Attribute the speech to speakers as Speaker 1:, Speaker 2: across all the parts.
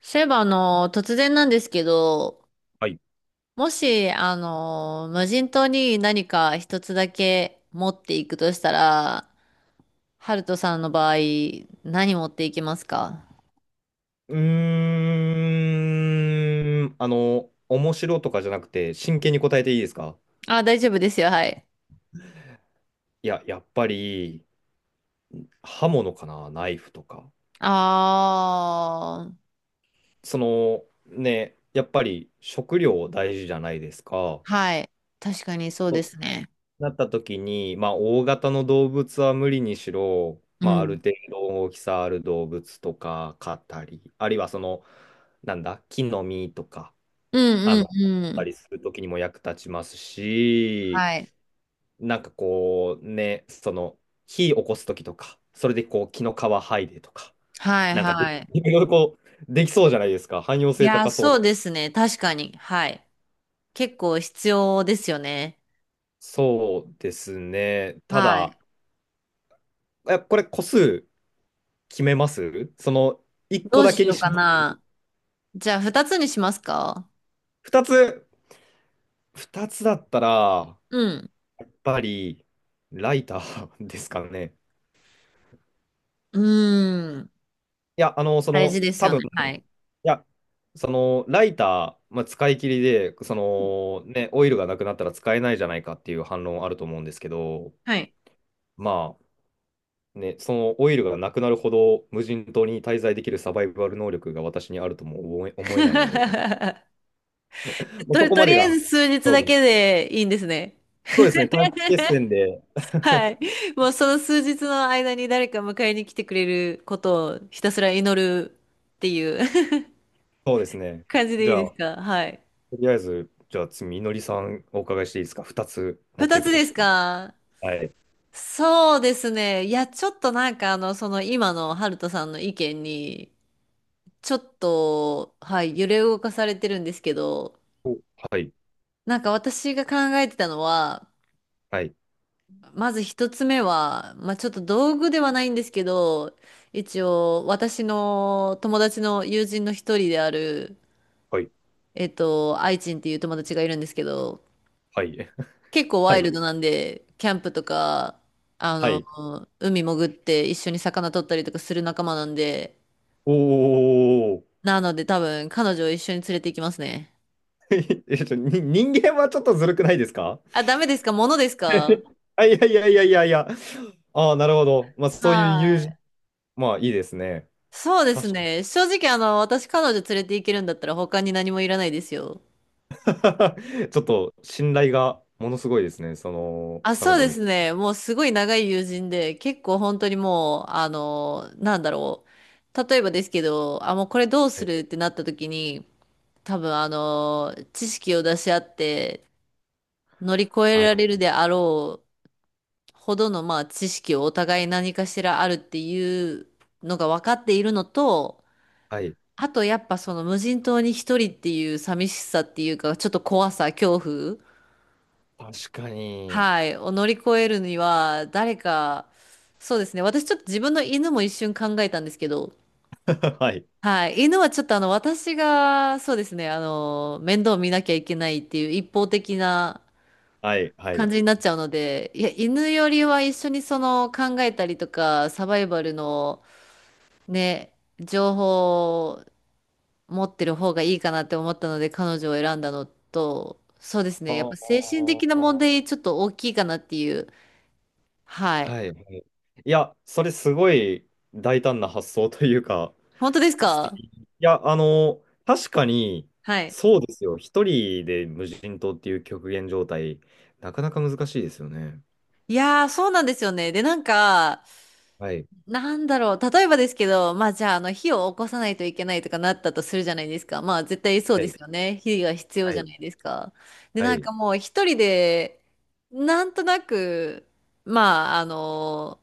Speaker 1: そういえば、突然なんですけど、
Speaker 2: はい。
Speaker 1: もし、無人島に何か一つだけ持っていくとしたら、ハルトさんの場合、何持っていきますか？
Speaker 2: うーん、面白とかじゃなくて、真剣に答えていいですか？
Speaker 1: あ、大丈夫ですよ、はい。
Speaker 2: いや、やっぱり、刃物かな、ナイフとか。
Speaker 1: あー、
Speaker 2: その、ね、やっぱり食料大事じゃないですか。
Speaker 1: はい。確かにそうで
Speaker 2: と
Speaker 1: すね。
Speaker 2: なった時に、まあ、大型の動物は無理にしろ、
Speaker 1: う
Speaker 2: まあ、ある
Speaker 1: ん。
Speaker 2: 程度大きさある動物とか飼ったり、あるいはその、なんだ、木の実とか、
Speaker 1: うんうん
Speaker 2: 飼
Speaker 1: う
Speaker 2: った
Speaker 1: ん。
Speaker 2: りする時にも役立ちますし、
Speaker 1: はい。
Speaker 2: なんかこうね、その火起こす時とか、それでこう木の皮剥いでとか、
Speaker 1: はい
Speaker 2: なんかで
Speaker 1: はい。
Speaker 2: いろいろこうできそうじゃないですか。汎用
Speaker 1: い
Speaker 2: 性
Speaker 1: や、
Speaker 2: 高そう
Speaker 1: そ
Speaker 2: な。
Speaker 1: うですね。確かに。はい。結構必要ですよね。
Speaker 2: そうですね。た
Speaker 1: はい。
Speaker 2: だ、これ個数決めます？1
Speaker 1: ど
Speaker 2: 個
Speaker 1: う
Speaker 2: だけ
Speaker 1: し
Speaker 2: に
Speaker 1: よう
Speaker 2: し
Speaker 1: か
Speaker 2: ます？
Speaker 1: な。じゃあ、二つにしますか？
Speaker 2: 2つ、2つだったら、
Speaker 1: うん。
Speaker 2: やっぱりライターですかね。
Speaker 1: うーん。
Speaker 2: いや、
Speaker 1: 大事です
Speaker 2: 多
Speaker 1: よ
Speaker 2: 分。
Speaker 1: ね。
Speaker 2: い
Speaker 1: はい。
Speaker 2: や、そのライター、まあ、使い切りで、そのね、オイルがなくなったら使えないじゃないかっていう反論あると思うんですけど、
Speaker 1: はい。
Speaker 2: まあね、そのオイルがなくなるほど無人島に滞在できるサバイバル能力が私にあるとも思えないので、もうそ
Speaker 1: と、
Speaker 2: こ
Speaker 1: と
Speaker 2: ま
Speaker 1: り
Speaker 2: で
Speaker 1: あ
Speaker 2: が
Speaker 1: えず数日
Speaker 2: 勝
Speaker 1: だ
Speaker 2: 負。
Speaker 1: けでいいんですね。
Speaker 2: そうですね、短期決戦 で、
Speaker 1: はい。もうその数日の間に誰か迎えに来てくれることをひたすら祈るっていう
Speaker 2: そうです ね。
Speaker 1: 感じで
Speaker 2: じ
Speaker 1: いい
Speaker 2: ゃあ、
Speaker 1: です
Speaker 2: と
Speaker 1: か？はい。
Speaker 2: りあえず、じゃあ次、みのりさんお伺いしていいですか ?2 つ持って
Speaker 1: 二
Speaker 2: い
Speaker 1: つ
Speaker 2: くと
Speaker 1: です
Speaker 2: したら。
Speaker 1: か？
Speaker 2: はい。
Speaker 1: そうですね。いや、ちょっとなんかその今のハルトさんの意見に、ちょっと、はい、揺れ動かされてるんですけど、
Speaker 2: おはい、
Speaker 1: なんか私が考えてたのは、
Speaker 2: はい、
Speaker 1: まず一つ目は、まあちょっと道具ではないんですけど、一応私の友達の友人の一人である、
Speaker 2: はい、
Speaker 1: 愛人っていう友達がいるんですけど、
Speaker 2: はい、
Speaker 1: 結構ワ
Speaker 2: は
Speaker 1: イル
Speaker 2: い、
Speaker 1: ドなんで、キャンプとか、あ
Speaker 2: はい。
Speaker 1: の、海潜って一緒に魚取ったりとかする仲間なんで、
Speaker 2: おー。
Speaker 1: なので多分彼女を一緒に連れて行きますね。
Speaker 2: に人間はちょっとずるくないですか？
Speaker 1: あ、ダメですか？物ですか？
Speaker 2: あ、いやいやいやいやいや。ああ、なるほど。まあ、そういう
Speaker 1: は
Speaker 2: 友
Speaker 1: ーい。
Speaker 2: 人、まあ、いいですね。
Speaker 1: そうです
Speaker 2: 確か
Speaker 1: ね。
Speaker 2: に。
Speaker 1: 正直、私彼女連れて行けるんだったら他に何もいらないですよ。
Speaker 2: ちょっと信頼がものすごいですね。その、
Speaker 1: あ、
Speaker 2: 彼
Speaker 1: そう
Speaker 2: 女
Speaker 1: で
Speaker 2: に。
Speaker 1: すね。もうすごい長い友人で、結構本当にもう、なんだろう。例えばですけど、あ、もうこれどう
Speaker 2: は
Speaker 1: す
Speaker 2: い。
Speaker 1: るってなった時に、多分知識を出し合って乗り越え
Speaker 2: は
Speaker 1: ら
Speaker 2: い。
Speaker 1: れるであろうほどの、まあ、知識をお互い何かしらあるっていうのが分かっているのと、
Speaker 2: はい。
Speaker 1: あとやっぱその無人島に一人っていう寂しさっていうか、ちょっと怖さ、恐怖、
Speaker 2: 確かに。
Speaker 1: はい、を乗り越えるには、誰か、そうですね、私ちょっと自分の犬も一瞬考えたんですけど、
Speaker 2: はい。
Speaker 1: はい、犬はちょっと私が、そうですね、面倒見なきゃいけないっていう一方的な
Speaker 2: はい。は
Speaker 1: 感
Speaker 2: い。
Speaker 1: じになっちゃうので、いや、犬よりは一緒にその考えたりとか、サバイバルのね、情報持ってる方がいいかなって思ったので彼女を選んだのと、そうですね。やっぱ
Speaker 2: は
Speaker 1: 精神的な問題
Speaker 2: あ。
Speaker 1: ちょっと大きいかなっていう。はい。
Speaker 2: はい。はいいや、それすごい大胆な発想というか、
Speaker 1: 本当です
Speaker 2: 素
Speaker 1: か？
Speaker 2: 敵。いや、確かに、
Speaker 1: はい。
Speaker 2: そうですよ。一人で無人島っていう極限状態、なかなか難しいですよね。
Speaker 1: いやー、そうなんですよね。で、なんか、
Speaker 2: はい。
Speaker 1: なんだろう。例えばですけど、まあじゃあ、火を起こさないといけないとかなったとするじゃないですか。まあ絶対そう
Speaker 2: は
Speaker 1: です
Speaker 2: い。
Speaker 1: よね。火が必要
Speaker 2: は
Speaker 1: じゃ
Speaker 2: い。
Speaker 1: ないですか。で、
Speaker 2: は
Speaker 1: なん
Speaker 2: い。
Speaker 1: かもう一人で、なんとなく、まあ、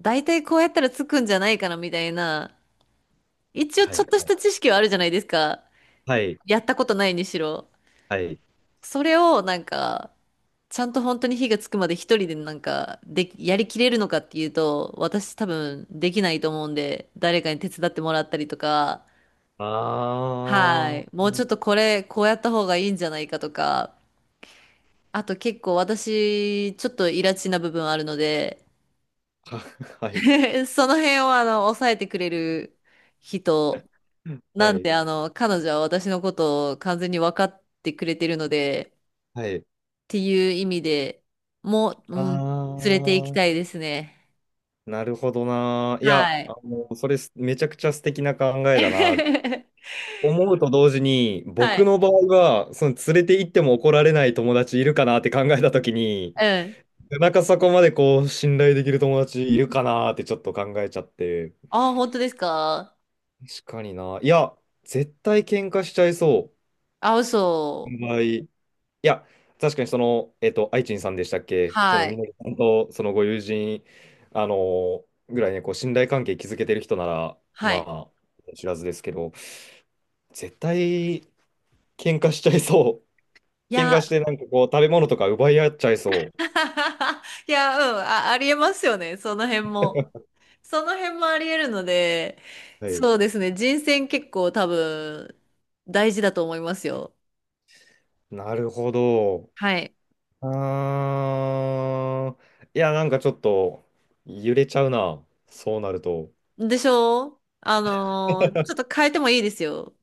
Speaker 1: 大体こうやったらつくんじゃないかなみたいな、一応
Speaker 2: は
Speaker 1: ちょっ
Speaker 2: い。
Speaker 1: とした知識はあるじゃないですか。
Speaker 2: はい。
Speaker 1: やったことないにしろ。
Speaker 2: はい。
Speaker 1: それをなんか、ちゃんと本当に火がつくまで一人でなんか、で、やりきれるのかっていうと、私多分できないと思うんで、誰かに手伝ってもらったりとか、
Speaker 2: あ
Speaker 1: はい。もうち
Speaker 2: ー。
Speaker 1: ょっとこれ、こうやった方がいいんじゃないかとか、あと結構私、ちょっとイラチな部分あるので、
Speaker 2: ははい。
Speaker 1: その辺を抑えてくれる人
Speaker 2: は
Speaker 1: なん
Speaker 2: い。
Speaker 1: で、彼女は私のことを完全に分かってくれてるので、っ
Speaker 2: はい。
Speaker 1: ていう意味でも、う
Speaker 2: あ
Speaker 1: ん、連れて行きた
Speaker 2: ー。
Speaker 1: いですね。
Speaker 2: なるほどな。いや、
Speaker 1: はい。
Speaker 2: それめちゃくちゃ素敵な考えだな。思うと同時に、
Speaker 1: は
Speaker 2: 僕
Speaker 1: い。
Speaker 2: の場合は、その連れて行っても怒られない友達いるかなって考えたときに、
Speaker 1: うん。
Speaker 2: なんかそこまでこう信頼できる友達いるかなーってちょっと考えちゃって。
Speaker 1: あ、本当ですか？
Speaker 2: 確かにな。いや、絶対喧嘩しちゃいそ
Speaker 1: あ、嘘。
Speaker 2: う。場合。いや、確かにその、愛知さんでしたっけそ
Speaker 1: は
Speaker 2: のみ
Speaker 1: い。
Speaker 2: のりさんとそのご友人、あのーぐらいね、こう信頼関係築けてる人なら、
Speaker 1: はい。
Speaker 2: まあ、知らずですけど、絶対喧嘩しちゃいそ
Speaker 1: い
Speaker 2: う。喧
Speaker 1: や、
Speaker 2: 嘩してなんかこう食べ物とか奪い合っちゃいそ
Speaker 1: いや、うん、あ、ありえますよね。その辺も。その辺もありえるので、
Speaker 2: う。はい。
Speaker 1: そうですね。人選結構多分大事だと思いますよ。
Speaker 2: なるほど。
Speaker 1: はい。
Speaker 2: あー、いや、なんかちょっと揺れちゃうな。そうなると。
Speaker 1: でしょ？ちょっと変えてもいいですよ。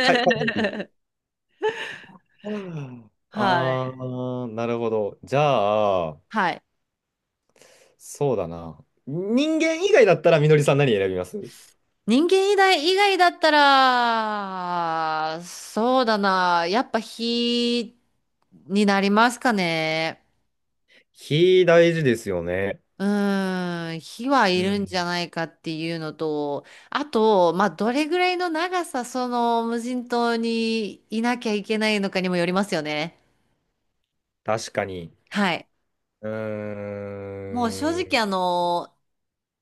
Speaker 2: かい 方いい。
Speaker 1: はい。
Speaker 2: あー、なるほど。じゃあ、
Speaker 1: はい。
Speaker 2: そうだな。人間以外だったらみのりさん何選びます？
Speaker 1: 人間以外だったら、そうだな。やっぱ火になりますかね。
Speaker 2: 火大事ですよね。
Speaker 1: うーん。火は
Speaker 2: う
Speaker 1: いる
Speaker 2: ん。
Speaker 1: んじゃないかっていうのと、あと、まあ、どれぐらいの長さ、その無人島にいなきゃいけないのかにもよりますよね。
Speaker 2: 確かに。
Speaker 1: はい。
Speaker 2: う
Speaker 1: もう正
Speaker 2: ー
Speaker 1: 直
Speaker 2: ん。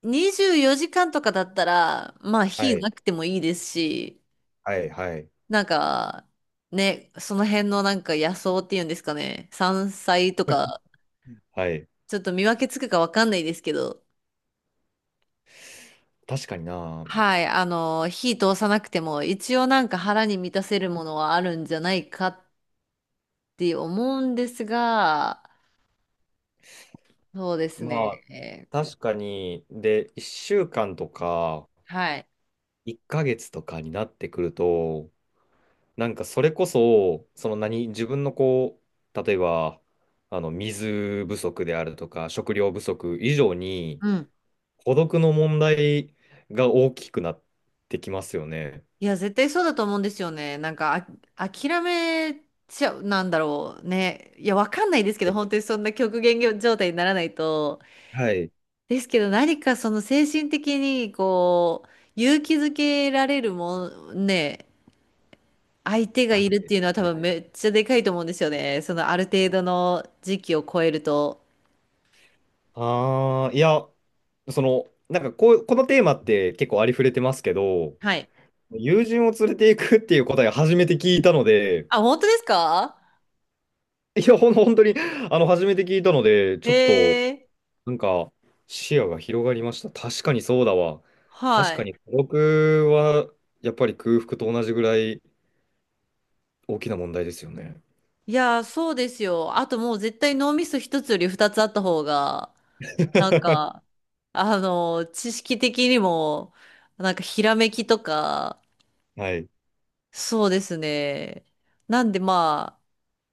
Speaker 1: 24時間とかだったら、まあ
Speaker 2: は
Speaker 1: 火
Speaker 2: い。
Speaker 1: なくてもいいですし、
Speaker 2: はい。はい。
Speaker 1: なんか、ね、その辺のなんか野草っていうんですかね、山菜とか、
Speaker 2: はい。
Speaker 1: ちょっと見分けつくかわかんないですけど、
Speaker 2: 確かにな。
Speaker 1: はい、火通さなくても、一応なんか腹に満たせるものはあるんじゃないかって思うんですが、そうです
Speaker 2: まあ、
Speaker 1: ね、
Speaker 2: 確かに。で、1週間とか、
Speaker 1: はい。
Speaker 2: 1ヶ月とかになってくると、なんかそれこそ、その何、自分のこう、例えば、水不足であるとか、食料不足以上に、
Speaker 1: うん。
Speaker 2: 孤独の問題が大きくなってきますよね。
Speaker 1: いや、絶対そうだと思うんですよね。なんか、あ、諦めちゃう、なんだろうね。いや、わかんないですけど、
Speaker 2: え
Speaker 1: 本当にそんな極限状態にならないと。
Speaker 2: はい。
Speaker 1: ですけど、何かその精神的に、こう、勇気づけられるもん、ね、相手が
Speaker 2: はい。
Speaker 1: いるっていうのは多
Speaker 2: はい
Speaker 1: 分めっちゃでかいと思うんですよね。そのある程度の時期を超えると。
Speaker 2: ああ、いや、なんかこう、このテーマって結構ありふれてますけど、
Speaker 1: はい。
Speaker 2: 友人を連れていくっていう答えを初めて聞いたので、
Speaker 1: あ、本当ですか？
Speaker 2: いや、本当に、初めて聞いたので、ちょっと、
Speaker 1: へえ。
Speaker 2: なんか、視野が広がりました。確かにそうだわ。確
Speaker 1: は
Speaker 2: か
Speaker 1: い。
Speaker 2: に孤独は、やっぱり空腹と同じぐらい大きな問題ですよね。
Speaker 1: いや、そうですよ。あともう絶対脳みそ一つより二つあった方が。なんか、知識的にも、なんかひらめきとか、
Speaker 2: はい。
Speaker 1: そうですね。なんでまあ、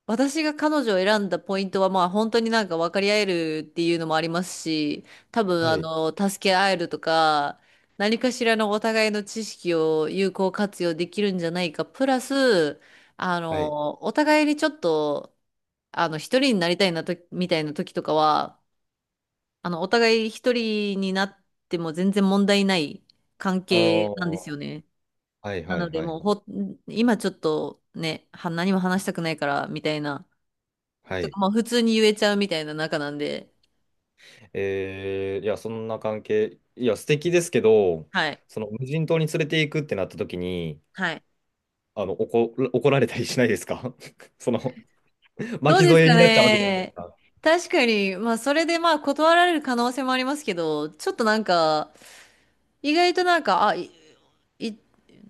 Speaker 1: 私が彼女を選んだポイントはまあ本当になんか分かり合えるっていうのもありますし、多分
Speaker 2: はい。
Speaker 1: 助け合えるとか、何かしらのお互いの知識を有効活用できるんじゃないか。プラス、
Speaker 2: はい。
Speaker 1: お互いにちょっと、一人になりたいなと、みたいな時とかは、お互い一人になっても全然問題ない関
Speaker 2: ああ、
Speaker 1: 係なんです
Speaker 2: は
Speaker 1: よね。
Speaker 2: いはい
Speaker 1: な
Speaker 2: は
Speaker 1: の
Speaker 2: い
Speaker 1: で、
Speaker 2: はい。
Speaker 1: もうほ、今ちょっとね、何も話したくないから、みたいな。
Speaker 2: は
Speaker 1: と
Speaker 2: い。
Speaker 1: か、もう普通に言えちゃうみたいな仲なんで。
Speaker 2: いや、そんな関係、いや、素敵ですけど、
Speaker 1: はい。
Speaker 2: その無人島に連れて行くってなった時に、
Speaker 1: はい。
Speaker 2: 怒られたりしないですか？ その、
Speaker 1: どう
Speaker 2: 巻き
Speaker 1: です
Speaker 2: 添え
Speaker 1: か
Speaker 2: になっちゃうわけじゃないです
Speaker 1: ね。
Speaker 2: か。
Speaker 1: 確かに、まあ、それでまあ、断られる可能性もありますけど、ちょっとなんか、意外となんか、あ、い、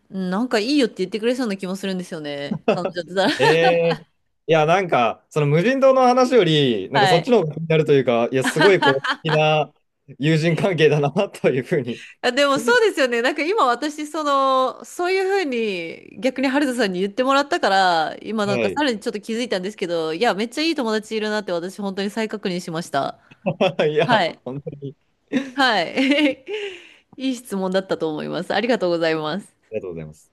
Speaker 1: なんかいいよって言ってくれそうな気もするんですよね。彼女だったら。
Speaker 2: いや、なんか、その無人島の話より、なんか
Speaker 1: は
Speaker 2: そっち
Speaker 1: い。
Speaker 2: の方が気になるというか、いや、すごいこう、素敵 な友人関係だな、というふうに。
Speaker 1: あ、でもそう ですよね。なんか今私、その、そういうふうに逆に春田さんに言ってもらったから、今な
Speaker 2: は
Speaker 1: んかさ
Speaker 2: い。
Speaker 1: らにちょっと気づいたんですけど、いや、めっちゃいい友達いるなって私本当に再確認しました。
Speaker 2: い
Speaker 1: は
Speaker 2: や、
Speaker 1: い。
Speaker 2: 本当に
Speaker 1: はい。いい質問だったと思います。ありがとうございます。
Speaker 2: ありがとうございます。